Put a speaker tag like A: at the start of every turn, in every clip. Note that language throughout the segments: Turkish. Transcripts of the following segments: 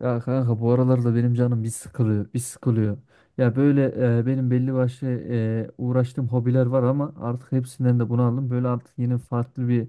A: Ya kanka bu aralarda benim canım bir sıkılıyor, bir sıkılıyor. Ya böyle benim belli başlı uğraştığım hobiler var ama artık hepsinden de bunu aldım. Böyle artık yeni farklı bir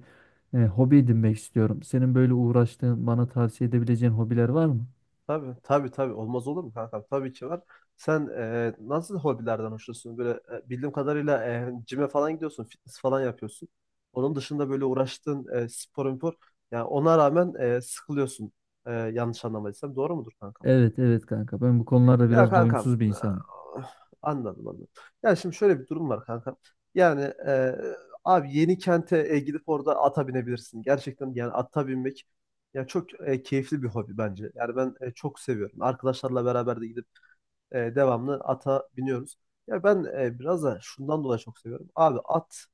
A: hobi edinmek istiyorum. Senin böyle uğraştığın, bana tavsiye edebileceğin hobiler var mı?
B: Tabii tabii tabii olmaz olur mu kankam? Tabii ki var. Sen nasıl hobilerden hoşlanıyorsun? Böyle bildiğim kadarıyla cime falan gidiyorsun, fitness falan yapıyorsun. Onun dışında böyle uğraştığın spor, spor yani ona rağmen sıkılıyorsun. Yanlış anlamadıysam doğru mudur kankam?
A: Evet, evet kanka. Ben bu konularda
B: Ya
A: biraz
B: kankam
A: doyumsuz bir insanım.
B: ah, anladım anladım. Ya şimdi şöyle bir durum var kankam. Yani abi yeni kente gidip orada ata binebilirsin. Gerçekten yani ata binmek ya çok keyifli bir hobi bence. Yani ben çok seviyorum. Arkadaşlarla beraber de gidip devamlı ata biniyoruz. Ya ben biraz da şundan dolayı çok seviyorum. Abi at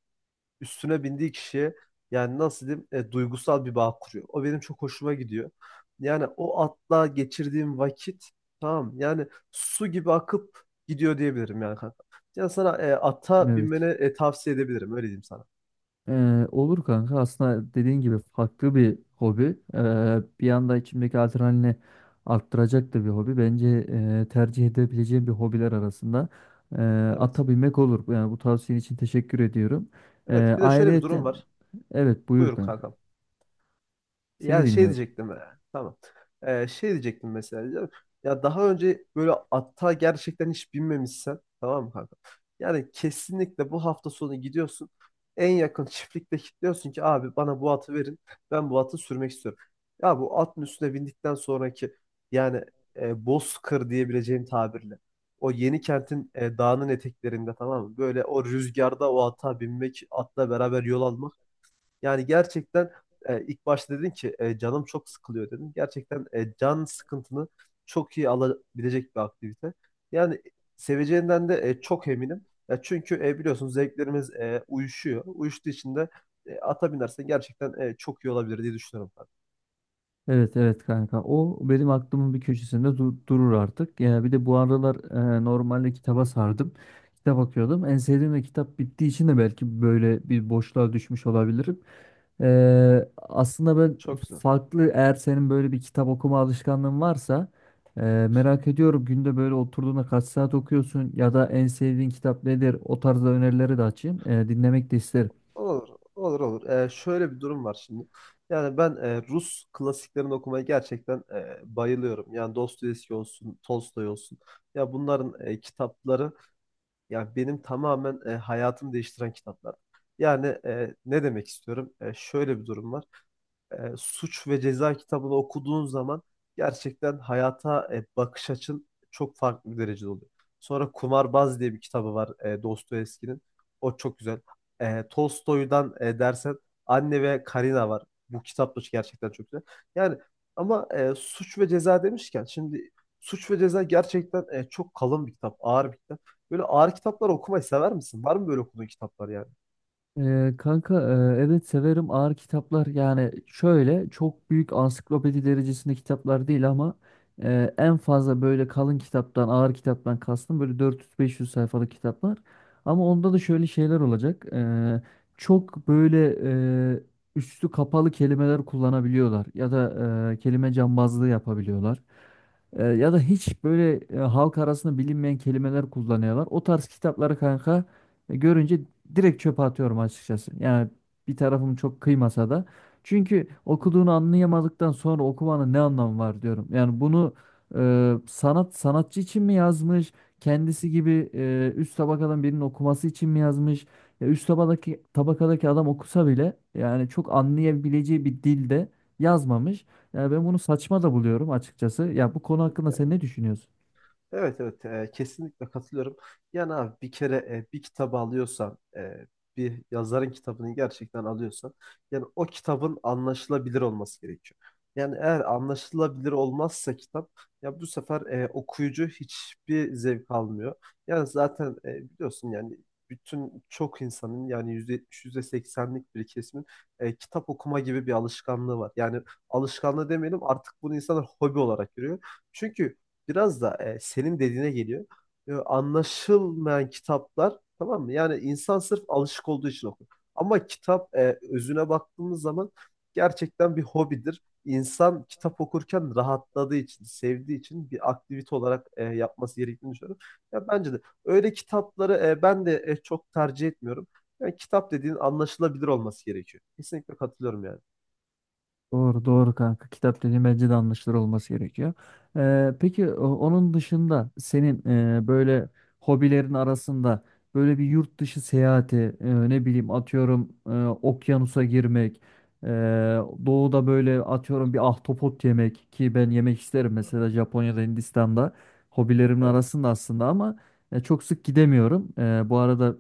B: üstüne bindiği kişiye yani nasıl diyeyim duygusal bir bağ kuruyor. O benim çok hoşuma gidiyor. Yani o atla geçirdiğim vakit tamam yani su gibi akıp gidiyor diyebilirim yani kanka. Yani sana ata binmeni
A: Evet.
B: tavsiye edebilirim öyle diyeyim sana.
A: Olur kanka. Aslında dediğin gibi farklı bir hobi. Bir anda içimdeki adrenalini arttıracak da bir hobi. Bence tercih edebileceğim bir hobiler arasında e,
B: Evet.
A: ata binmek olur. Yani bu tavsiyen için teşekkür ediyorum. Ee,
B: Evet bir de şöyle bir durum
A: ayrıyeten
B: var.
A: evet buyur
B: Buyur
A: kanka.
B: kanka.
A: Seni
B: Yani şey
A: dinliyorum.
B: diyecektim. Tamam. Şey diyecektim mesela. Diyeceğim, ya daha önce böyle atta gerçekten hiç binmemişsen tamam mı kanka? Yani kesinlikle bu hafta sonu gidiyorsun. En yakın çiftlikte kilitliyorsun ki abi bana bu atı verin. Ben bu atı sürmek istiyorum. Ya bu atın üstüne bindikten sonraki yani bozkır diyebileceğim tabirle. O yeni kentin dağının eteklerinde tamam mı? Böyle o rüzgarda o ata binmek, atla beraber yol almak. Yani gerçekten ilk başta dedin ki canım çok sıkılıyor dedin. Gerçekten can sıkıntını çok iyi alabilecek bir aktivite. Yani seveceğinden de çok eminim. Ya çünkü biliyorsunuz zevklerimiz uyuşuyor. Uyuştuğu için de ata binersen gerçekten çok iyi olabilir diye düşünüyorum ben.
A: Evet evet kanka o benim aklımın bir köşesinde durur artık. Ya bir de bu aralar normalde kitaba sardım. Kitap okuyordum. En sevdiğim de kitap bittiği için de belki böyle bir boşluğa düşmüş olabilirim. Aslında ben
B: Çok güzel.
A: farklı eğer senin böyle bir kitap okuma alışkanlığın varsa merak ediyorum günde böyle oturduğunda kaç saat okuyorsun ya da en sevdiğin kitap nedir? O tarzda önerileri de açayım. Dinlemek de isterim.
B: Olur, olur, olur. Şöyle bir durum var şimdi. Yani ben Rus klasiklerini okumaya gerçekten bayılıyorum. Yani Dostoyevski olsun, Tolstoy olsun. Ya bunların kitapları, ya benim tamamen hayatımı değiştiren kitaplar. Yani ne demek istiyorum? Şöyle bir durum var. Suç ve Ceza kitabını okuduğun zaman gerçekten hayata bakış açın çok farklı bir derecede oluyor. Sonra Kumarbaz diye bir kitabı var Dostoyevski'nin. O çok güzel. Tolstoy'dan dersen Anne ve Karina var. Bu kitap da gerçekten çok güzel. Yani ama Suç ve Ceza demişken şimdi Suç ve Ceza gerçekten çok kalın bir kitap, ağır bir kitap. Böyle ağır kitaplar okumayı sever misin? Var mı böyle okuduğun kitaplar yani?
A: Kanka evet severim ağır kitaplar yani şöyle çok büyük ansiklopedi derecesinde kitaplar değil ama en fazla böyle kalın kitaptan ağır kitaptan kastım böyle 400-500 sayfalık kitaplar ama onda da şöyle şeyler olacak. Çok böyle e, üstü kapalı kelimeler kullanabiliyorlar ya da kelime cambazlığı yapabiliyorlar. Ya da hiç böyle halk arasında bilinmeyen kelimeler kullanıyorlar. O tarz kitapları kanka görünce direkt çöpe atıyorum açıkçası. Yani bir tarafım çok kıymasa da. Çünkü okuduğunu anlayamadıktan sonra okumanın ne anlamı var diyorum. Yani bunu sanat sanatçı için mi yazmış? Kendisi gibi üst tabakadan birinin okuması için mi yazmış? Ya üst tabakadaki adam okusa bile yani çok anlayabileceği bir dilde yazmamış. Yani ben bunu saçma da buluyorum açıkçası. Ya bu konu hakkında sen
B: Hı.
A: ne düşünüyorsun?
B: Evet evet kesinlikle katılıyorum. Yani abi bir kere bir kitabı alıyorsan bir yazarın kitabını gerçekten alıyorsan yani o kitabın anlaşılabilir olması gerekiyor. Yani eğer anlaşılabilir olmazsa kitap ya bu sefer okuyucu hiçbir zevk almıyor. Yani zaten biliyorsun yani bütün çok insanın yani %70 yüzde %80'lik bir kesimin kitap okuma gibi bir alışkanlığı var. Yani alışkanlığı demeyelim artık bunu insanlar hobi olarak görüyor. Çünkü biraz da senin dediğine geliyor. Anlaşılmayan kitaplar tamam mı? Yani insan sırf alışık olduğu için okur. Ama kitap özüne baktığımız zaman gerçekten bir hobidir. İnsan kitap okurken rahatladığı için, sevdiği için bir aktivite olarak yapması gerektiğini düşünüyorum. Ya bence de öyle kitapları ben de çok tercih etmiyorum. Yani kitap dediğin anlaşılabilir olması gerekiyor. Kesinlikle katılıyorum yani.
A: Doğru doğru kanka. Kitap dediğin bence de anlaşılır olması gerekiyor. Peki onun dışında senin böyle hobilerin arasında böyle bir yurt dışı seyahati ne bileyim atıyorum okyanusa girmek, e, doğuda böyle atıyorum bir ahtapot yemek ki ben yemek isterim mesela Japonya'da, Hindistan'da hobilerimin
B: Evet,
A: arasında aslında ama çok sık gidemiyorum. Bu arada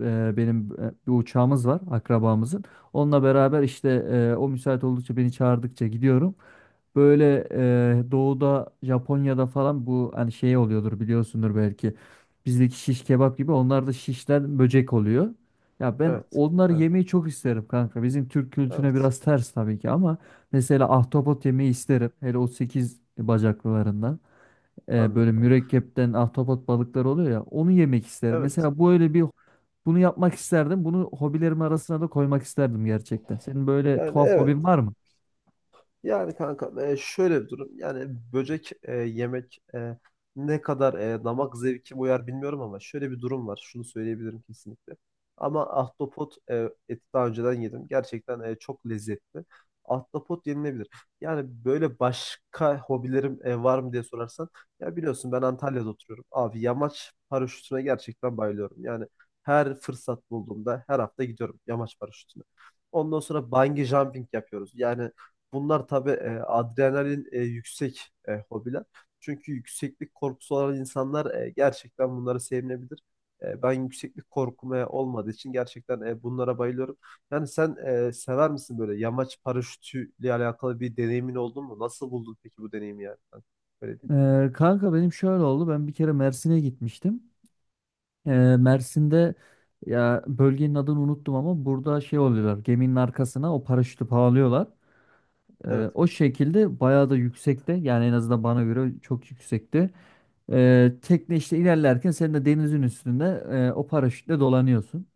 A: benim bir uçağımız var akrabamızın. Onunla beraber işte o müsait oldukça beni çağırdıkça gidiyorum. Böyle doğuda Japonya'da falan bu hani şey oluyordur biliyorsundur belki. Bizdeki şiş kebap gibi onlar da şişten böcek oluyor. Ya ben
B: evet,
A: onları
B: evet,
A: yemeyi çok isterim kanka. Bizim Türk kültürüne
B: evet.
A: biraz ters tabii ki ama mesela ahtapot yemeyi isterim. Hele o 8 bacaklılarından. Böyle
B: Anladım.
A: mürekkepten ahtapot balıkları oluyor ya onu yemek isterim.
B: Evet.
A: Mesela bu öyle bir bunu yapmak isterdim. Bunu hobilerim arasına da koymak isterdim gerçekten. Senin böyle
B: Yani
A: tuhaf hobin
B: evet.
A: var mı?
B: Yani kanka şöyle bir durum. Yani böcek yemek ne kadar damak zevkime uyar bilmiyorum ama şöyle bir durum var. Şunu söyleyebilirim kesinlikle. Ama ahtapot eti daha önceden yedim. Gerçekten çok lezzetli. Ahtapot yenilebilir. Yani böyle başka hobilerim var mı diye sorarsan. Ya biliyorsun ben Antalya'da oturuyorum. Abi yamaç paraşütüne gerçekten bayılıyorum. Yani her fırsat bulduğumda her hafta gidiyorum yamaç paraşütüne. Ondan sonra bungee jumping yapıyoruz. Yani bunlar tabii adrenalin yüksek hobiler. Çünkü yükseklik korkusu olan insanlar gerçekten bunları sevmeyebilir. Ben yükseklik korkum olmadığı için gerçekten bunlara bayılıyorum. Yani sen sever misin böyle yamaç paraşütüyle alakalı bir deneyimin oldu mu? Nasıl buldun peki bu deneyimi yani? Ben öyle diyeyim.
A: Kanka benim şöyle oldu. Ben bir kere Mersin'e gitmiştim. Ee, Mersin'de ya bölgenin adını unuttum ama burada şey oluyorlar. Geminin arkasına o paraşütü bağlıyorlar.
B: Evet
A: O
B: kanka.
A: şekilde bayağı da yüksekte. Yani en azından bana göre çok yüksekti. Tekne işte ilerlerken sen de denizin üstünde o paraşütle dolanıyorsun.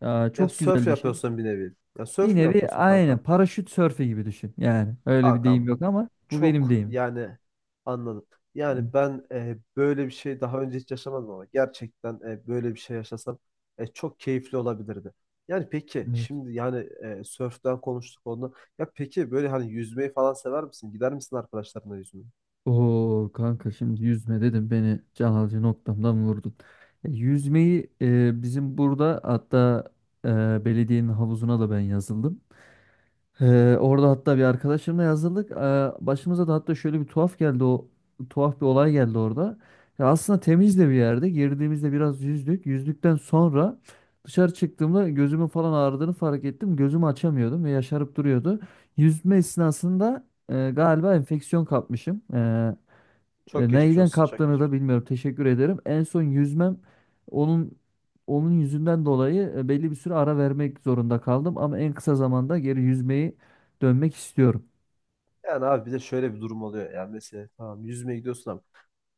A: Ya,
B: Ya
A: çok
B: sörf
A: güzel bir şey.
B: yapıyorsun bir nevi. Ya
A: Bir
B: sörf mü
A: nevi
B: yapıyorsun
A: aynen
B: kanka?
A: paraşüt sörfü gibi düşün. Yani öyle bir deyim
B: Kankam
A: yok ama bu benim
B: çok
A: deyimim.
B: yani anladım.
A: Hı,
B: Yani ben böyle bir şey daha önce hiç yaşamadım ama gerçekten böyle bir şey yaşasam çok keyifli olabilirdi. Yani peki
A: Evet.
B: şimdi yani sörften konuştuk onu. Ya peki böyle hani yüzmeyi falan sever misin? Gider misin arkadaşlarına yüzmeye?
A: Oo kanka şimdi yüzme dedim beni can alıcı noktamdan vurdun. Yüzmeyi bizim burada hatta belediyenin havuzuna da ben yazıldım. Orada hatta bir arkadaşımla yazıldık. Başımıza da hatta şöyle bir tuhaf geldi o tuhaf bir olay geldi orada. Ya aslında temiz de bir yerde. Girdiğimizde biraz yüzdük. Yüzdükten sonra dışarı çıktığımda gözümün falan ağrıdığını fark ettim. Gözümü açamıyordum ve yaşarıp duruyordu. Yüzme esnasında galiba enfeksiyon kapmışım.
B: Çok geçmiş
A: Neyden
B: olsun. Çok
A: kaptığını da
B: geçmiş.
A: bilmiyorum. Teşekkür ederim. En son yüzmem onun onun yüzünden dolayı belli bir süre ara vermek zorunda kaldım ama en kısa zamanda geri yüzmeyi dönmek istiyorum.
B: Yani abi bir de şöyle bir durum oluyor. Yani mesela tamam yüzmeye gidiyorsun ama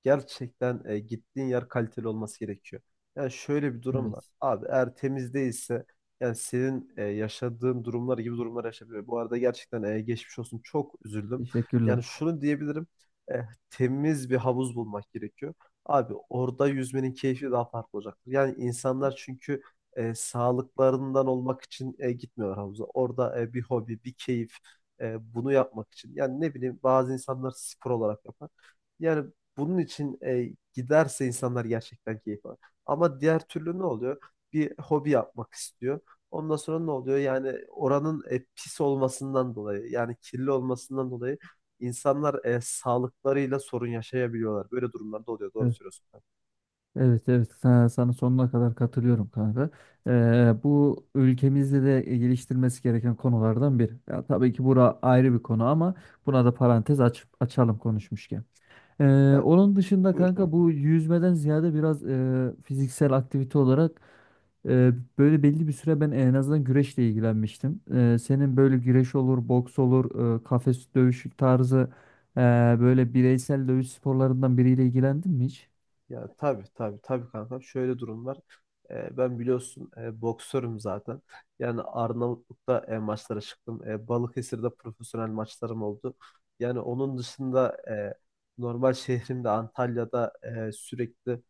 B: gerçekten gittiğin yer kaliteli olması gerekiyor. Yani şöyle bir durum var.
A: Evet.
B: Abi eğer temiz değilse yani senin yaşadığın durumlar gibi durumlar yaşanıyor. Bu arada gerçekten geçmiş olsun çok üzüldüm.
A: Teşekkürler.
B: Yani şunu diyebilirim. e, temiz bir havuz bulmak gerekiyor. Abi orada yüzmenin keyfi daha farklı olacaktır. Yani insanlar çünkü sağlıklarından olmak için gitmiyorlar havuza. Orada bir hobi, bir keyif bunu yapmak için. Yani ne bileyim bazı insanlar spor olarak yapar. Yani bunun için giderse insanlar gerçekten keyif alır. Ama diğer türlü ne oluyor? Bir hobi yapmak istiyor. Ondan sonra ne oluyor? Yani oranın pis olmasından dolayı, yani kirli olmasından dolayı insanlar sağlıklarıyla sorun yaşayabiliyorlar. Böyle durumlarda oluyor. Doğru
A: Evet.
B: söylüyorsun.
A: Evet evet sana sonuna kadar katılıyorum kanka. Bu ülkemizde de geliştirmesi gereken konulardan biri. Ya, tabii ki bura ayrı bir konu ama buna da parantez açalım konuşmuşken.
B: Ben
A: Onun dışında
B: buyur
A: kanka
B: kanka.
A: bu yüzmeden ziyade biraz fiziksel aktivite olarak e, böyle belli bir süre ben en azından güreşle ilgilenmiştim. Senin böyle güreş olur, boks olur, kafes dövüşü tarzı e, böyle bireysel dövüş sporlarından biriyle ilgilendin mi hiç?
B: Ya tabii tabii tabii kanka. Şöyle durum var. Ben biliyorsun boksörüm zaten. Yani Arnavutluk'ta maçlara çıktım. Balıkesir'de profesyonel maçlarım oldu. Yani onun dışında normal şehrimde Antalya'da sürekli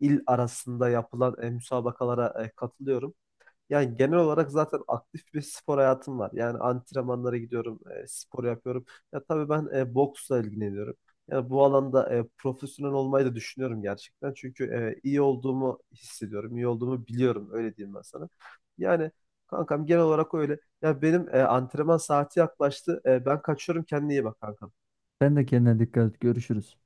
B: il arasında yapılan müsabakalara katılıyorum. Yani genel olarak zaten aktif bir spor hayatım var. Yani antrenmanlara gidiyorum, spor yapıyorum. Ya tabii ben boksla ilgileniyorum. Yani bu alanda profesyonel olmayı da düşünüyorum gerçekten. Çünkü iyi olduğumu hissediyorum, iyi olduğumu biliyorum. Öyle diyeyim ben sana. Yani kankam genel olarak öyle. Ya benim antrenman saati yaklaştı. Ben kaçıyorum. Kendine iyi bak kankam.
A: Ben de kendine dikkat et. Görüşürüz.